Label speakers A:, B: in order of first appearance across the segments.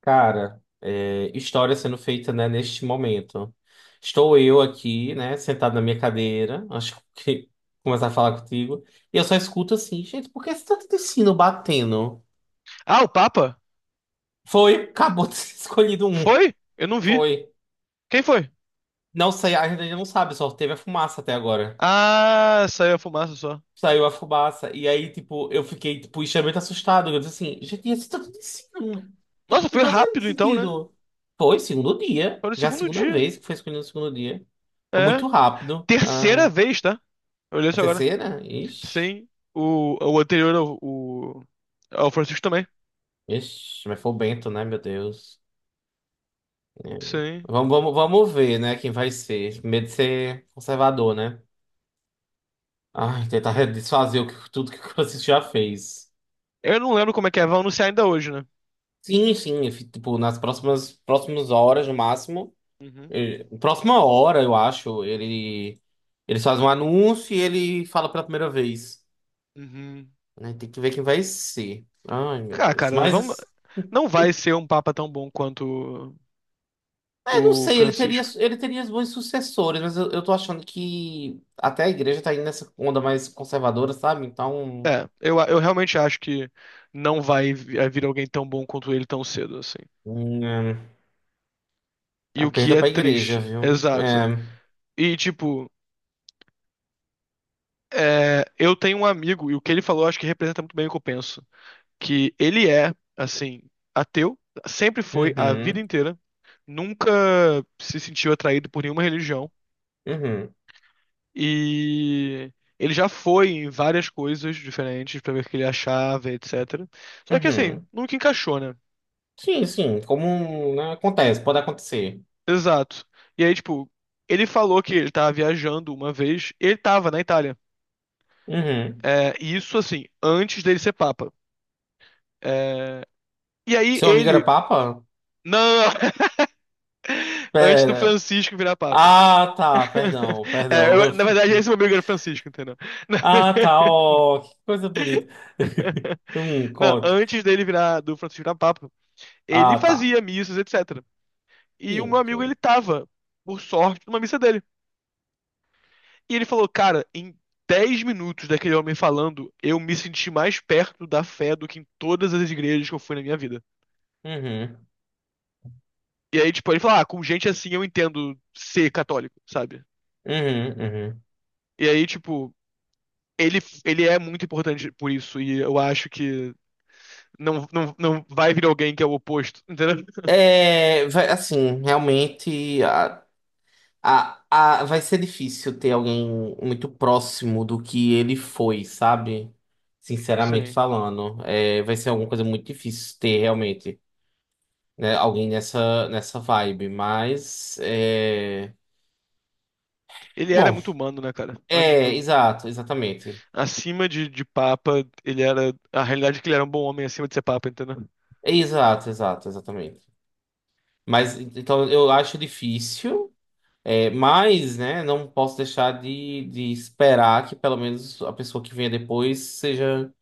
A: Cara, é, história sendo feita, né, neste momento. Estou eu
B: Hum.
A: aqui, né, sentado na minha cadeira, acho que começar a falar contigo, e eu só escuto assim, gente, por que esse tanto de sino batendo?
B: Ah, o Papa?
A: Foi, acabou de ser escolhido um.
B: Foi? Eu não vi.
A: Foi.
B: Quem foi?
A: Não sei, a gente ainda não sabe, só teve a fumaça até agora.
B: Ah, saiu a fumaça só.
A: Saiu a fumaça. E aí, tipo, eu fiquei, tipo, extremamente assustado. Eu disse assim, gente, isso tá acontecendo.
B: Nossa,
A: Não
B: foi
A: tá fazendo
B: rápido então, né?
A: sentido. Foi segundo dia.
B: Foi no
A: Já a
B: segundo
A: segunda
B: dia.
A: vez que foi escolhido no segundo dia. Foi
B: É.
A: muito rápido. Ah,
B: Terceira vez, tá? Eu olhei
A: a
B: isso agora.
A: terceira? Ixi.
B: Sim. O anterior, o o, Francisco também.
A: Ixi, mas foi o Bento, né? Meu Deus. É.
B: Sim.
A: Vamos ver, né? Quem vai ser. Medo de ser conservador, né? Ai, tentar desfazer tudo que o Francisco já fez.
B: Eu não lembro como é que é. Vão anunciar ainda hoje, né?
A: Sim, sim. Tipo, nas próximas horas, no máximo.
B: Uhum.
A: Próxima hora, eu acho, eles fazem um anúncio e ele fala pela primeira vez.
B: Uhum.
A: Né? Tem que ver quem vai ser. Ai, meu
B: Ah,
A: Deus.
B: cara, vamos...
A: Mas,
B: não vai ser um papa tão bom quanto
A: é, não
B: o
A: sei,
B: Francisco.
A: ele teria bons sucessores, mas eu tô achando que até a igreja tá indo nessa onda mais conservadora, sabe? Então,
B: É, eu realmente acho que não vai vir alguém tão bom quanto ele tão cedo, assim.
A: é,
B: E
A: a
B: o que
A: perda
B: é
A: pra igreja,
B: triste.
A: viu?
B: Exato.
A: É,
B: E, tipo, é, eu tenho um amigo, e o que ele falou acho que representa muito bem o que eu penso. Que ele é, assim, ateu, sempre foi a vida
A: uhum,
B: inteira, nunca se sentiu atraído por nenhuma religião.
A: uhum,
B: E ele já foi em várias coisas diferentes pra ver o que ele achava, etc. Só que, assim,
A: uhum.
B: nunca encaixou, né?
A: Sim, sim, como, né, acontece, pode acontecer.
B: Exato. E aí, tipo, ele falou que ele tava viajando uma vez, ele tava na Itália.
A: Uhum.
B: É, e isso, assim, antes dele ser papa. É, e aí
A: Seu amigo era
B: ele.
A: papa?
B: Não! Antes do
A: Pera.
B: Francisco virar papa.
A: Ah, tá, perdão,
B: É,
A: perdão. Eu
B: na verdade, esse
A: fiquei.
B: meu amigo era o Francisco, entendeu?
A: Ah, tá, ó, que coisa bonita.
B: Não,
A: Conte.
B: antes dele virar do Francisco virar papa, ele
A: Ah, tá.
B: fazia missas, etc. E o meu
A: Sim,
B: amigo, ele
A: sim.
B: tava, por sorte, numa missa dele. E ele falou, cara, em 10 minutos daquele homem falando, eu me senti mais perto da fé do que em todas as igrejas que eu fui na minha vida.
A: Uhum,
B: E aí, tipo, ele fala, ah, com gente assim eu entendo ser católico, sabe?
A: uhum, uhum.
B: E aí, tipo, ele é muito importante por isso, e eu acho que não vai vir alguém que é o oposto, entendeu?
A: É, vai, assim, realmente a, vai ser difícil ter alguém muito próximo do que ele foi, sabe? Sinceramente
B: Sim.
A: falando. É, vai ser alguma coisa muito difícil ter realmente, né, alguém nessa vibe, mas. É...
B: Ele era
A: Bom.
B: muito humano, né, cara?
A: É, exato, exatamente.
B: Acima de papa, ele era. A realidade é que ele era um bom homem acima de ser papa, entendeu?
A: É, exato, exato, exatamente. Mas então eu acho difícil, é, mas né, não posso deixar de esperar que pelo menos a pessoa que venha depois seja,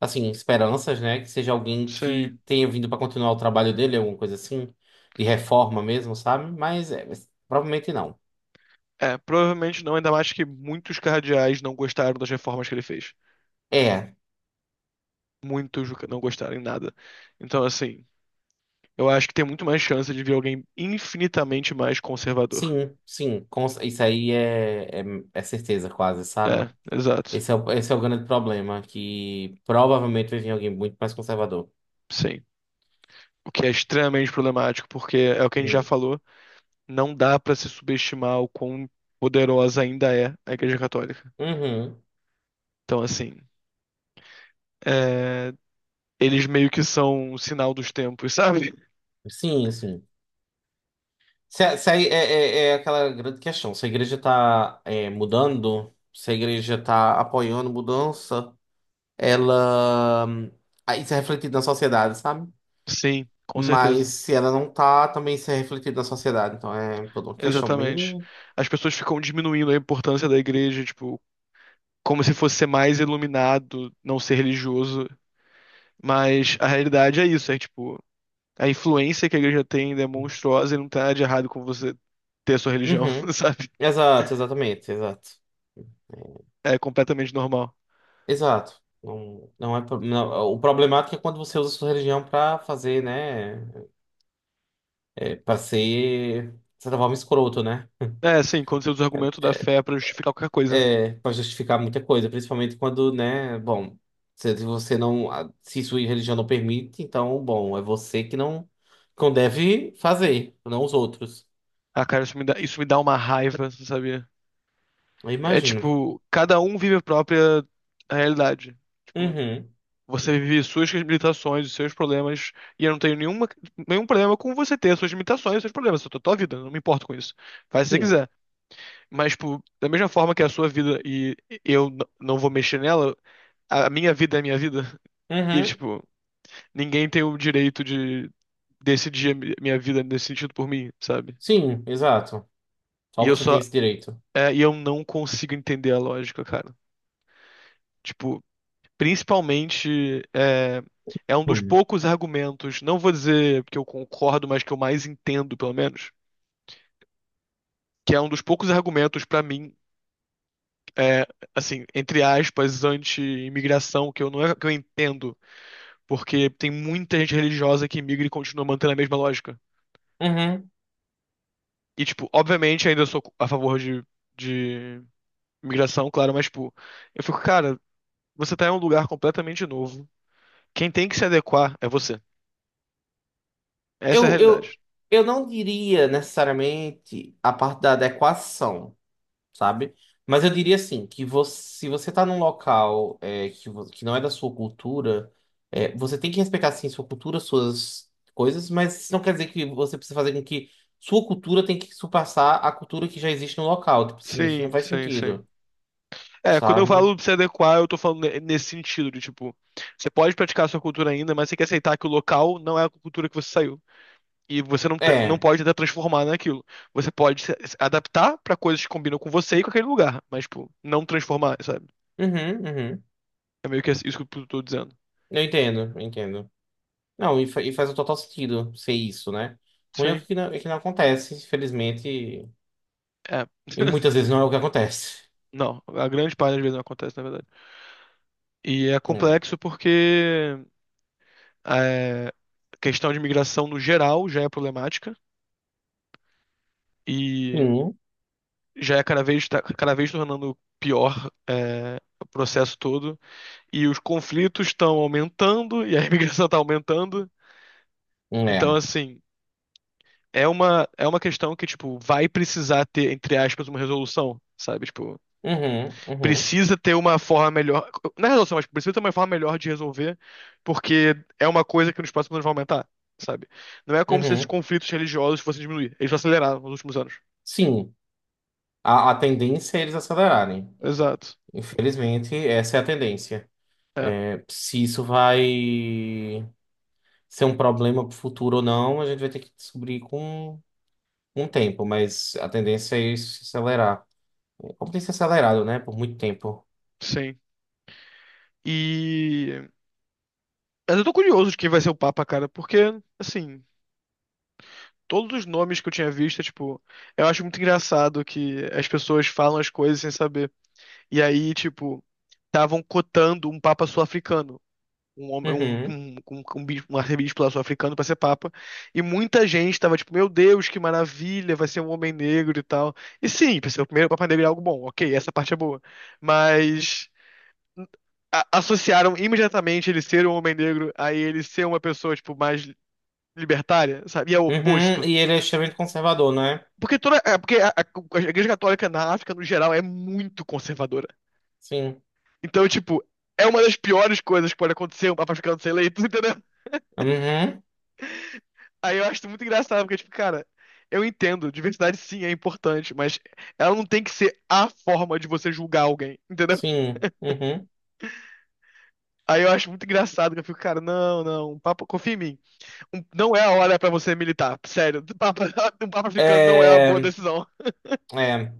A: assim, esperanças, né? Que seja alguém
B: Sim.
A: que tenha vindo para continuar o trabalho dele, alguma coisa assim, de reforma mesmo, sabe? Mas, é, mas provavelmente não.
B: É, provavelmente não, ainda mais que muitos cardeais não gostaram das reformas que ele fez.
A: É,
B: Muitos não gostaram em nada. Então, assim. Eu acho que tem muito mais chance de vir alguém infinitamente mais conservador.
A: sim, sim, isso aí é certeza quase, sabe?
B: É, exato.
A: Esse é o grande problema, que provavelmente vai vir alguém muito mais conservador.
B: Sim. O que é extremamente problemático, porque é o que a gente já
A: Hum.
B: falou, não dá pra se subestimar o quão poderosa ainda é a Igreja Católica.
A: Uhum.
B: Então, assim, é, eles meio que são o sinal dos tempos, sabe?
A: Sim, sim. Se a- é, é, É aquela grande questão. Se a igreja está mudando, se a igreja está apoiando mudança, ela. Hum, aí isso é refletido na sociedade, sabe?
B: Sim, com
A: Mas
B: certeza.
A: se ela não tá, também isso é refletido na sociedade. Então é toda uma questão
B: Exatamente.
A: bem.
B: As pessoas ficam diminuindo a importância da igreja, tipo, como se fosse ser mais iluminado, não ser religioso. Mas a realidade é isso, é tipo, a influência que a igreja tem é monstruosa e não tem nada de errado com você ter a sua religião,
A: Uhum.
B: sabe?
A: Exato, exatamente, exato.
B: É completamente normal.
A: Exato. Não, não é, o problemático é quando você usa a sua religião pra fazer, né? É, para ser, de certa forma, escroto, né?
B: É, assim, quando você usa o argumento da fé pra justificar qualquer coisa, né?
A: É, para justificar muita coisa, principalmente quando, né? Bom, se você não, a- se sua religião não permite, então, bom, é você que não deve fazer, não os outros.
B: Ah, cara, isso me dá uma raiva, você sabia?
A: Eu
B: É
A: imagino.
B: tipo, cada um vive a própria realidade. Tipo,
A: Uhum.
B: você vive suas limitações, os seus problemas, e eu não tenho nenhuma, nenhum problema com você ter as suas limitações, os seus problemas, a tua vida, eu não me importo com isso. Faz se você
A: Sim.
B: quiser. Mas, tipo, da mesma forma que a sua vida e não vou mexer nela, a minha vida é a minha vida. E,
A: Uhum.
B: tipo, ninguém tem o direito de decidir a minha vida nesse sentido por mim, sabe?
A: Sim, exato. Só
B: E eu
A: você tem
B: só,
A: esse direito.
B: é, e eu não consigo entender a lógica, cara. Tipo, principalmente, é, é um dos
A: Hum.
B: poucos argumentos, não vou dizer que eu concordo, mas que eu mais entendo, pelo menos, que é um dos poucos argumentos pra mim, é, assim, entre aspas, anti-imigração, que eu não é que eu entendo, porque tem muita gente religiosa que imigra e continua mantendo a mesma lógica.
A: Uhum.
B: E, tipo, obviamente ainda sou a favor de imigração, claro, mas, tipo, eu fico, cara, você tá em um lugar completamente novo. Quem tem que se adequar é você. Essa é a
A: Eu, eu,
B: realidade.
A: eu não diria necessariamente a parte da adequação, sabe? Mas eu diria assim, que você, se você tá num local é, que não é da sua cultura, é, você tem que respeitar sim sua cultura, suas coisas, mas isso não quer dizer que você precisa fazer com que sua cultura tem que surpassar a cultura que já existe no local. Tipo assim, isso não
B: Sim,
A: faz
B: sim, sim.
A: sentido,
B: É, quando eu
A: sabe?
B: falo de se adequar, eu tô falando nesse sentido, de tipo, você pode praticar a sua cultura ainda, mas você tem que aceitar que o local não é a cultura que você saiu. E você não, te- não
A: É.
B: pode tentar transformar naquilo. Você pode se adaptar pra coisas que combinam com você e com aquele lugar, mas, tipo, não transformar, sabe?
A: Uhum, uhum.
B: É meio que isso que eu tô dizendo.
A: Eu entendo, eu entendo. Não, e, e faz o total sentido ser isso, né? O único
B: Sim.
A: que não, é que não acontece, infelizmente,
B: É.
A: e muitas vezes não é o que acontece.
B: Não, a grande parte das vezes não acontece, na verdade. E é
A: Hum.
B: complexo porque é, a questão de imigração no geral já é problemática. E
A: Sim,
B: já é cada vez, tá cada vez tornando pior, o processo todo. E os conflitos estão aumentando e a imigração está aumentando. Então,
A: é.
B: assim, é uma questão que, tipo, vai precisar ter, entre aspas, uma resolução, sabe? Tipo,
A: Uhum, uhum,
B: precisa ter uma forma melhor. Não é resolução, mas tipo, precisa ter uma forma melhor de resolver, porque é uma coisa que nos próximos anos vai aumentar. Sabe? Não é como se esses
A: uhum.
B: conflitos religiosos fossem diminuir. Eles aceleraram nos últimos anos.
A: Sim, a tendência é eles acelerarem.
B: Exato.
A: Infelizmente, essa é a tendência.
B: É,
A: Se isso vai ser um problema pro futuro ou não, a gente vai ter que descobrir com um tempo, mas a tendência é isso se acelerar. É. Como tem se acelerado, né? Por muito tempo.
B: sim. E mas eu tô curioso de quem vai ser o Papa, cara, porque, assim, todos os nomes que eu tinha visto, é, tipo, eu acho muito engraçado que as pessoas falam as coisas sem saber. E aí, tipo, estavam cotando um Papa sul-africano, um homem,
A: Uhum.
B: um arcebispo lá sul-africano pra ser Papa. E muita gente tava, tipo, meu Deus, que maravilha, vai ser um homem negro e tal. E sim, pra ser o primeiro Papa negro é algo bom, ok, essa parte é boa. Mas associaram imediatamente ele ser um homem negro a ele ser uma pessoa, tipo, mais libertária, sabe? E é o
A: Uhum,
B: oposto.
A: e ele é extremamente conservador, né?
B: Porque toda, é porque a Igreja Católica na África, no geral, é muito conservadora.
A: Sim.
B: Então, tipo, é uma das piores coisas que pode acontecer um papa ficando ser eleito, entendeu?
A: Uhum,
B: Aí eu acho isso muito engraçado, porque, tipo, cara, eu entendo, diversidade sim é importante, mas ela não tem que ser a forma de você julgar alguém, entendeu?
A: sim. Uhum.
B: Aí eu acho muito engraçado, que eu fico, cara, não, não, um papa, confia em mim. Não é a hora pra você militar, sério. Um papa, um papa africano não é a boa
A: É,
B: decisão.
A: é,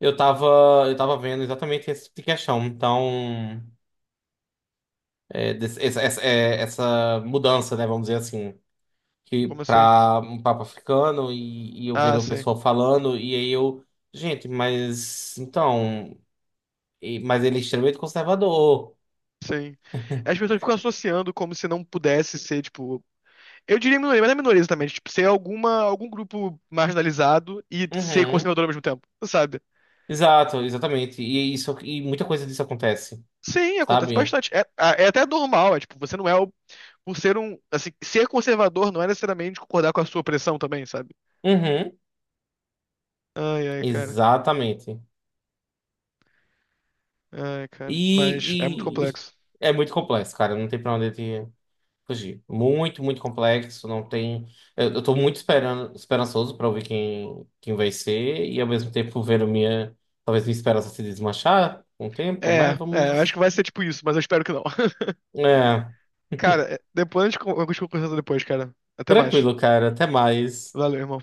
A: eu tava, eu tava vendo exatamente esse tipo de questão. Então, é, essa, é, essa mudança, né? Vamos dizer assim, que
B: Como assim?
A: para um Papa africano e eu
B: Ah,
A: vendo o
B: sim.
A: pessoal falando, e aí eu, gente, mas então, mas ele é extremamente conservador.
B: Sim. As pessoas ficam associando como se não pudesse ser, tipo. Eu diria minoria, mas não é minoria exatamente. Tipo, ser algum grupo marginalizado e ser
A: Uhum.
B: conservador ao mesmo tempo, sabe?
A: Exato, exatamente. E isso, e muita coisa disso acontece,
B: Sim, acontece
A: sabe?
B: bastante. É, é até normal, é tipo, você não é o. Por ser um. Assim, ser conservador não é necessariamente concordar com a sua opressão também, sabe?
A: Uhum.
B: Ai, ai, cara.
A: Exatamente.
B: Ai, cara. Mas é muito
A: E, e
B: complexo.
A: é muito complexo, cara. Não tem pra onde te fugir. Muito, muito complexo. Não tem. Eu tô muito esperando, esperançoso pra ouvir quem vai ser. E ao mesmo tempo vendo minha. Talvez minha esperança se desmanchar com o tempo,
B: É,
A: mas
B: é, eu acho
A: vamos.
B: que vai ser tipo isso, mas eu espero que não.
A: É,
B: Cara, é, depois eu continuo conversando depois, cara. Até mais.
A: tranquilo, cara. Até mais.
B: Valeu, irmão.